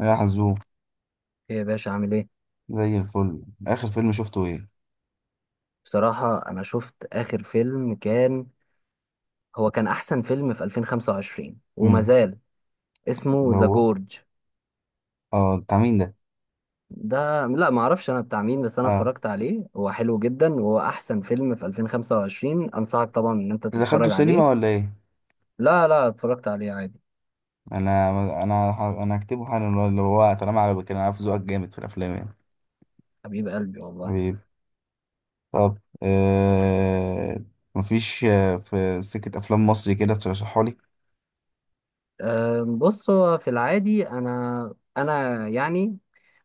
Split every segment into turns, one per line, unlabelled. يا حزوم،
ايه يا باشا عامل ايه؟
زي الفل. اخر فيلم شفته ايه؟
بصراحة انا شفت اخر فيلم كان احسن فيلم في 2025 وما
امم
زال. اسمه
اللي
ذا
هو
جورج.
اه بتاع مين ده؟
ده لا، ما اعرفش انا بتاع مين، بس انا
اه،
اتفرجت عليه، هو حلو جدا، وهو احسن فيلم في 2025. انصحك طبعا ان انت
اللي دخلته
تتفرج
السينما
عليه.
ولا ايه؟
لا لا، اتفرجت عليه عادي.
انا انا هكتبه حالا. اللي هو طالما عجبك، انا عارف ذوقك جامد في الافلام يعني.
حبيب قلبي والله.
حبيبي. طب، آه مفيش، في سكة افلام مصري كده ترشحها لي؟
بص هو في العادي انا يعني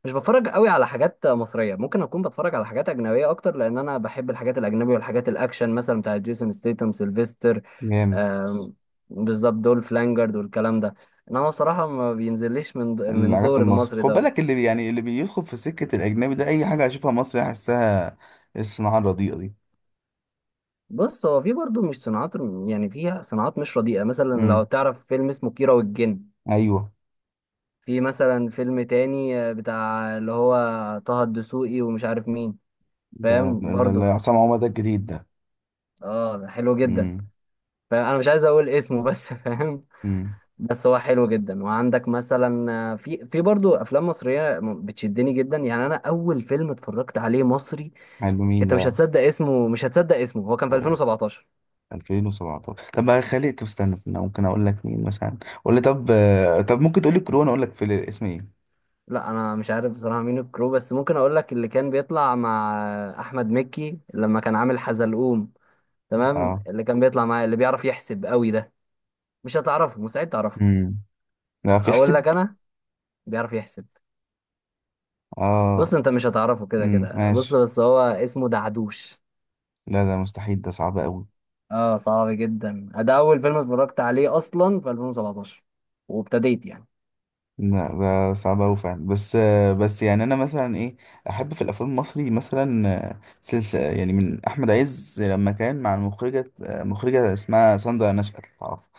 مش بتفرج قوي على حاجات مصريه، ممكن اكون بتفرج على حاجات اجنبيه اكتر، لان انا بحب الحاجات الاجنبيه والحاجات الاكشن، مثلا بتاعت جيسون ستيتم، سيلفستر.
جامد.
أم، بالظبط، دول فلانجرد والكلام ده. انما الصراحه ما بينزليش من
الحاجات
زور
المصري
المصري
خد
ده.
بالك، اللي يعني اللي بيدخل في سكة الاجنبي ده، اي حاجة هشوفها مصري احسها الصناعة الرديئة دي.
بص هو في برضه مش صناعات، يعني فيها صناعات مش رديئه، مثلا لو
امم
تعرف فيلم اسمه كيرة والجن.
ايوه.
في مثلا فيلم تاني بتاع اللي هو طه الدسوقي ومش عارف مين. فاهم
ده اللي
برضه.
عصام عمر ده الجديد ده.
اه ده حلو جدا.
امم
فاهم، انا مش عايز اقول اسمه بس فاهم.
امم
بس هو حلو جدا، وعندك مثلا في برضه افلام مصريه بتشدني جدا، يعني انا اول فيلم اتفرجت عليه مصري.
حلو. مين
انت مش
بقى؟
هتصدق اسمه، مش هتصدق اسمه، هو كان في
أوه.
2017.
2017. طب بقى، خلي، طب استنى استنى، ممكن اقول لك مين مثلا. قول لي، طب، طب ممكن تقول لي كورونا اقول لك في الاسم ايه.
لا، انا مش عارف بصراحه مين الكرو، بس ممكن اقول لك اللي كان بيطلع مع احمد مكي لما كان عامل حزلقوم، تمام؟
اه.
اللي كان بيطلع معاه، اللي بيعرف يحسب قوي ده. مش هتعرفه، مستحيل تعرفه.
امم لا، في
اقول
حسب.
لك انا، بيعرف يحسب. بص،
اه.
انت مش هتعرفه كده كده، بص
ماشي.
بس هو اسمه دعدوش.
لا، ده مستحيل، ده صعب قوي.
اه، صعب جدا. ده اول فيلم اتفرجت عليه اصلا في 2017، وابتديت يعني.
لا، ده صعب قوي فعلا. بس يعني انا مثلا ايه. احب في الافلام المصري مثلا سلسله يعني من احمد عز لما كان مع المخرجه آه، مخرجه اسمها ساندra نشأت لو تعرفها.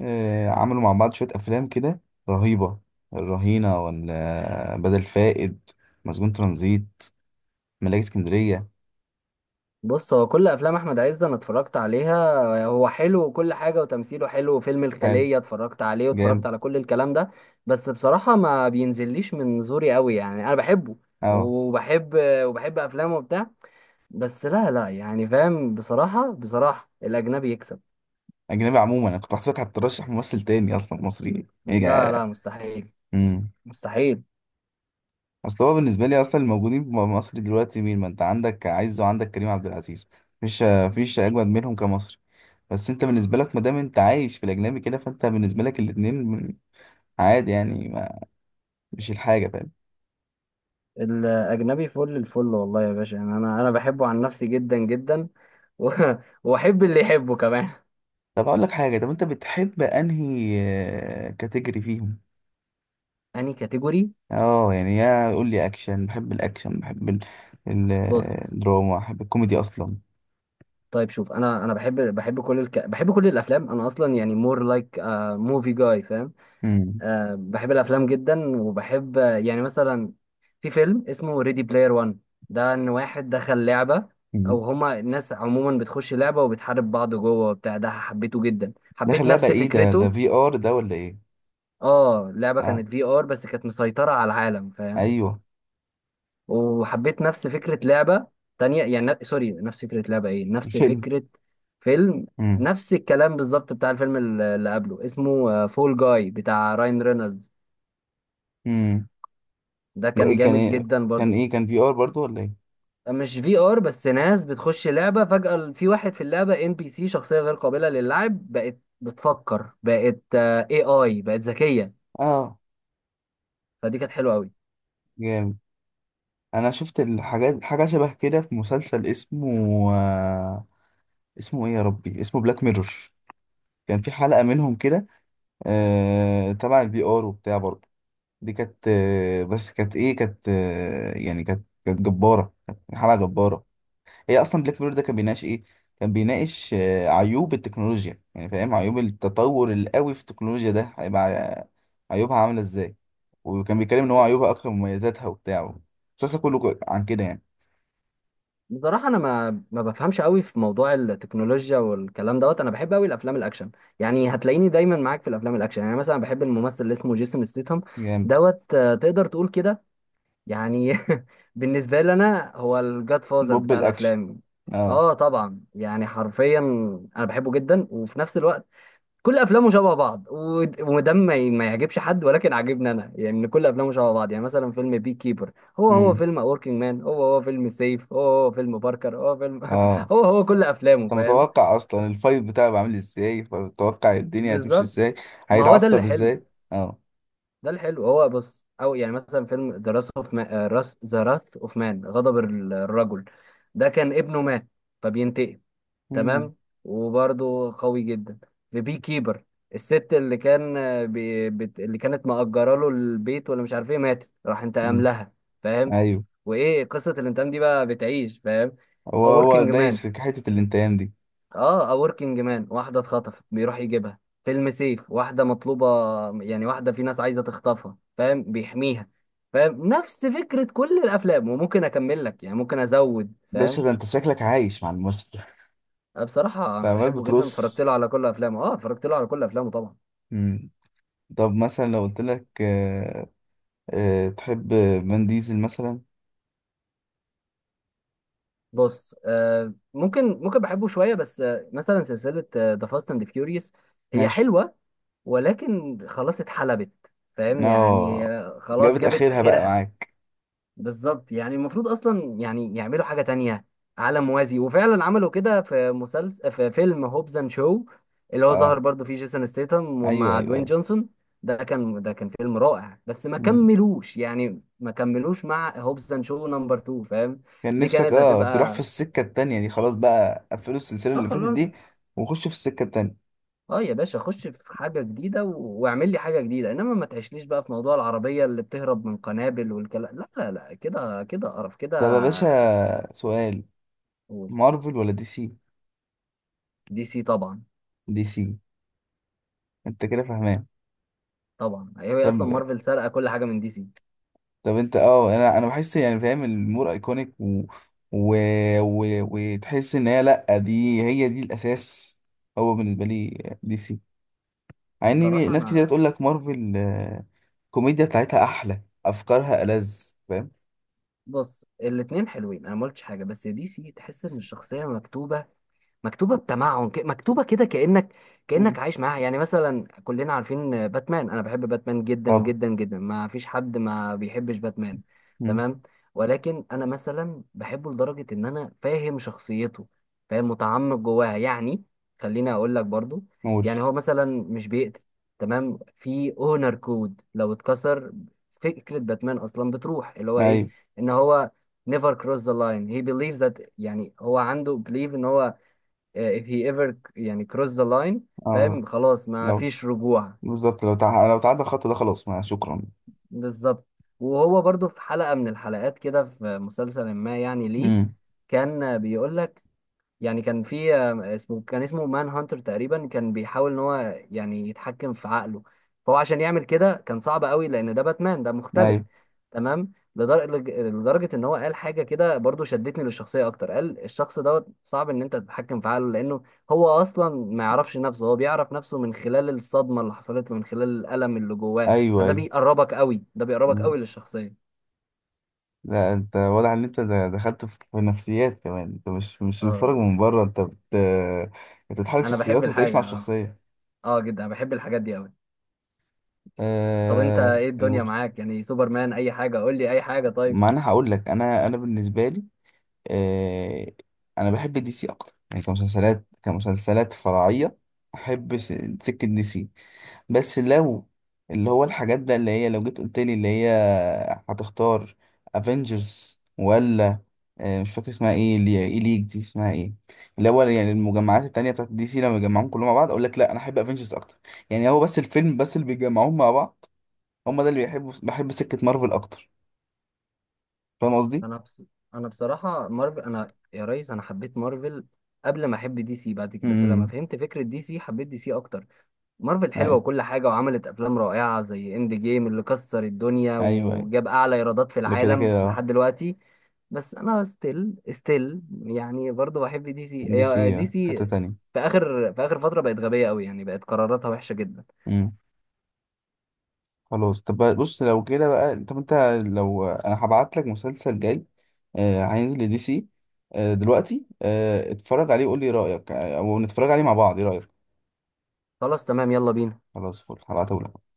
عملوا مع بعض شوية أفلام كده. رهيبة. الرهينة، ولا بدل فائد، مسجون ترانزيت، ملاك اسكندرية.
بص، هو كل افلام احمد عز انا اتفرجت عليها، هو حلو وكل حاجه، وتمثيله حلو، وفيلم
حلو.
الخليه اتفرجت عليه، واتفرجت
جامد.
على كل الكلام ده. بس بصراحه ما بينزليش من زوري قوي، يعني انا بحبه،
اه.
وبحب وبحب افلامه وبتاع. بس لا لا يعني فاهم، بصراحه بصراحه الاجنبي يكسب.
أجنبي عموما. أنا كنت بحسبك هترشح ممثل تاني أصلا مصري
لا لا،
إيه.
مستحيل،
امم
مستحيل.
أصل هو بالنسبة لي أصلا، الموجودين في مصر دلوقتي مين؟ ما أنت عندك عز وعندك كريم عبد العزيز. مفيش أجمد منهم كمصري. بس أنت بالنسبة لك، ما دام أنت عايش في الأجنبي كده، فأنت بالنسبة لك الاتنين عادي يعني. ما مش الحاجة فاهم.
الأجنبي فل الفل والله يا باشا، يعني أنا بحبه عن نفسي جدا جدا. و- وأحب اللي يحبه كمان.
طب اقول لك حاجه، طب انت بتحب انهي كاتيجوري فيهم؟
أنهي كاتيجوري؟
اه يعني، يا قول لي اكشن بحب الاكشن، بحب ال-
بص
الدراما، بحب الكوميدي اصلا.
طيب شوف، أنا بحب كل الأفلام، أنا أصلا يعني more like a movie guy، فاهم.
امم
أه، بحب الأفلام جدا، وبحب يعني مثلا في فيلم اسمه Ready Player One. ده إن واحد دخل لعبة،
أمم.
أو هما الناس عموما بتخش لعبة وبتحارب بعض جوه وبتاع. ده حبيته جدا،
داخل
حبيت
لعبه
نفس
ايه ده ده
فكرته.
في ار ده ولا ايه؟
اه، اللعبة
اه،
كانت في ار، بس كانت مسيطرة على العالم، فاهم.
ايوه،
وحبيت نفس فكرة لعبة تانية، يعني سوري، نفس فكرة لعبة، ايه، نفس
فيلم.
فكرة فيلم.
امم
نفس الكلام بالظبط بتاع الفيلم اللي قبله، اسمه فول جاي بتاع راين رينولدز.
امم
ده
ده
كان
ايه كان
جامد
إيه؟
جدا برضه.
كان في ار برضو ولا ايه؟
مش في ار، بس ناس بتخش لعبة فجأة في واحد في اللعبة، ان بي سي، شخصية غير قابلة للعب، بقت بتفكر، بقت اي، بقت ذكية.
اه،
فدي كانت حلوة قوي.
جامد. انا شفت حاجه شبه كده في مسلسل اسمه آه، اسمه ايه يا ربي، اسمه بلاك ميرور. كان في حلقه منهم كده، تبع البي ار وبتاع برضه. دي كانت، بس كانت ايه، كانت آه يعني كانت جبارة، كانت حلقة جبارة. هي اصلا بلاك ميرور ده كان بيناقش ايه؟ كان بيناقش عيوب التكنولوجيا، يعني فاهم، عيوب التطور القوي في التكنولوجيا، ده هيبقى عيوبها عاملة ازاي. وكان بيتكلم ان هو عيوبها اكتر من مميزاتها وبتاع، المسلسل كله عن كده يعني.
بصراحة، أنا ما بفهمش قوي في موضوع التكنولوجيا والكلام دوت. أنا بحب قوي الأفلام الأكشن، يعني هتلاقيني دايما معاك في الأفلام الأكشن، يعني مثلا بحب الممثل اللي اسمه جيسون ستيتهم
جامد.
دوت. تقدر تقول كده، يعني بالنسبة لي أنا هو الجاد فازر
بوب
بتاع
الاكشن.
الأفلام.
اه.
أه طبعا، يعني حرفيا أنا بحبه جدا، وفي نفس الوقت كل افلامه شبه بعض، وده ما يعجبش حد، ولكن عاجبني انا، يعني ان كل افلامه شبه بعض. يعني مثلا فيلم بي كيبر هو هو
امم
فيلم وركينج مان، هو هو فيلم سيف، هو هو فيلم باركر، هو فيلم
اه.
هو هو كل افلامه،
انت
فاهم.
متوقع اصلا الفايت بتاعه بيبقى عامل ازاي، فمتوقع الدنيا هتمشي
بالظبط،
ازاي،
ما هو ده اللي
هيتعصب
حلو.
ازاي. اه.
ده اللي حلو. هو بص، او يعني مثلا فيلم ذا راث اوف مان، ذا راث اوف مان، غضب الرجل. ده كان ابنه مات فبينتقم،
مم.
تمام. وبرده قوي جدا. في بي كيبر، الست اللي كان بي بت اللي كانت مأجرة له البيت ولا مش عارف ايه، ماتت، راح انتقم
مم.
لها، فاهم.
ايوه.
وايه قصة الانتقام دي بقى بتعيش، فاهم.
هو
A
هو
Working Man.
دايس في حته الانتقام دي.
اه، A Working Man، واحدة اتخطفت، بيروح يجيبها. فيلم سيف، واحدة مطلوبة، يعني واحدة في ناس عايزة تخطفها، فاهم، بيحميها، فاهم. نفس فكرة كل الأفلام، وممكن أكمل لك، يعني ممكن أزود،
باشا،
فاهم.
ده انت شكلك عايش مع الممثل.
أه بصراحة،
انت
أنا
عمال
بحبه جدا، اتفرجت
بترص.
له على كل أفلامه، أه اتفرجت له على كل أفلامه طبعا.
مم. طب مثلا لو قلت لك، تحب فان ديزل مثلا؟
بص أه، ممكن بحبه شوية، بس أه مثلا سلسلة ذا فاست أند فيوريوس هي
ماشي.
حلوة، ولكن خلاص اتحلبت، فاهم، يعني
اه،
خلاص
جابت
جابت
اخرها بقى
آخرها.
معاك.
بالظبط، يعني المفروض اصلا يعني يعملوا حاجه تانية، عالم موازي، وفعلا عملوا كده في مسلسل، في فيلم هوبز اند شو، اللي هو ظهر
اه،
برضو فيه جيسون ستيتم،
ايوه،
ومع
ايوه،
دوين
ايوه.
جونسون. ده كان فيلم رائع، بس ما
مم.
كملوش، يعني ما كملوش مع هوبز اند شو نمبر 2، فاهم.
كان
دي
نفسك
كانت
تروح في
هتبقى،
السكه التانيه دي، خلاص بقى قفلوا السلسله
اه
اللي فاتت دي
خلاص.
وخشوا في السكه التانيه.
اه يا باشا، خش في حاجه جديده، واعمل لي حاجه جديده، انما ما تعيشليش بقى في موضوع العربيه اللي بتهرب من قنابل والكلام. لا لا لا، كده كده قرف كده.
طب يا باشا، سؤال، مارفل ولا دي سي؟
دي سي طبعا.
دي سي. انت كده فاهمان.
طبعا، هي
طب،
اصلا مارفل سرقه كل حاجه من دي سي.
طب انت اه انا انا بحس يعني فاهم الامور ايكونيك، و... و... وتحس ان هي، لا، دي هي دي الاساس. هو بالنسبه لي دي سي، مع ان
بصراحه
ناس كتير
انا،
تقول لك مارفل، الكوميديا بتاعتها احلى، افكارها ألذ، فاهم.
بص الاتنين حلوين، انا ما قلتش حاجه، بس دي سي تحس ان الشخصيه مكتوبه، مكتوبه بتمعن، مكتوبه كده، كانك
مم.
كانك عايش معاها. يعني مثلا كلنا عارفين باتمان، انا بحب باتمان جدا
طبعا.
جدا جدا، ما فيش حد ما بيحبش باتمان،
مم.
تمام. ولكن انا مثلا بحبه لدرجه ان انا فاهم شخصيته، فاهم متعمق جواها يعني. خليني اقول لك برضو،
نقول.
يعني هو مثلا مش بيقتل، تمام، في اونر كود لو اتكسر. فكره باتمان اصلا بتروح اللي هو ايه،
ايوه.
ان هو never cross the line, he believes that. يعني هو عنده belief ان هو if he ever يعني cross the line،
اه.
فاهم، خلاص ما
لو،
فيش رجوع.
بالظبط لو تعدى الخط ده، خلاص ما شكرا.
بالظبط. وهو برضو في حلقة من الحلقات كده، في مسلسل ما، يعني ليه
مم.
كان بيقول لك، يعني كان في اسمه مان هانتر تقريبا، كان بيحاول ان هو يعني يتحكم في عقله. فهو عشان يعمل كده كان صعب قوي، لان ده باتمان ده مختلف،
ايوه.
تمام. لدرجة ان هو قال حاجة كده برضو شدتني للشخصية اكتر. قال الشخص دوت، صعب ان انت تتحكم في عقله، لانه هو اصلا ما يعرفش نفسه، هو بيعرف نفسه من خلال الصدمة اللي حصلت له، من خلال الألم اللي جواه. فده
ايوه.
بيقربك قوي، ده بيقربك
ايوه.
قوي للشخصية.
لا، انت واضح ان انت دخلت في نفسيات كمان، انت مش
اه،
بتتفرج من بره، انت بتتحلل
انا بحب
شخصيات وبتعيش مع
الحاجة اه،
الشخصيه.
اه جدا، أنا بحب الحاجات دي قوي. طب انت ايه الدنيا
يقول.
معاك يعني؟ سوبرمان، اي حاجه، قول لي اي حاجه طيب.
ما انا هقول لك، انا بالنسبه لي، أه... انا بحب دي سي اكتر. يعني كمسلسلات فرعيه، احب سكه دي سي. بس لو، اللي هو الحاجات بقى اللي هي، لو جيت قلت لي اللي هي هتختار افنجرز، ولا مش فاكر اسمها ايه، اللي ايه، ليج دي اسمها ايه، اللي هو يعني المجمعات التانية بتاعت دي سي لما يجمعوهم كلهم مع بعض، اقول لك لا، انا احب افنجرز اكتر. يعني هو بس الفيلم بس اللي بيجمعوهم مع بعض، هم ده اللي بيحبوا، بحب سكة مارفل اكتر، فاهم قصدي.
انا بص... انا بصراحه، مارفل، انا يا ريس انا حبيت مارفل قبل ما احب دي سي، بعد كده بس لما
امم
فهمت فكره دي سي، حبيت دي سي اكتر. مارفل حلوه
ايوه.
وكل حاجه، وعملت افلام رائعه زي اند جيم، اللي كسر الدنيا
ايوه. ايوه.
وجاب اعلى ايرادات في
ده كده كده
العالم
اه.
لحد دلوقتي. بس انا ستيل يعني برضه بحب دي سي،
دي
هي
سي،
دي
حتة
سي.
تانية.
في اخر فتره بقت غبيه قوي، يعني بقت قراراتها وحشه جدا.
امم خلاص. طب بص، لو كده بقى، طب انت، لو انا هبعت لك مسلسل جاي هينزل لدي سي، دلوقتي، اتفرج عليه وقول لي رأيك، او نتفرج عليه مع بعض، ايه رأيك؟
خلاص، تمام، يلا بينا.
خلاص فل، هبعته لك.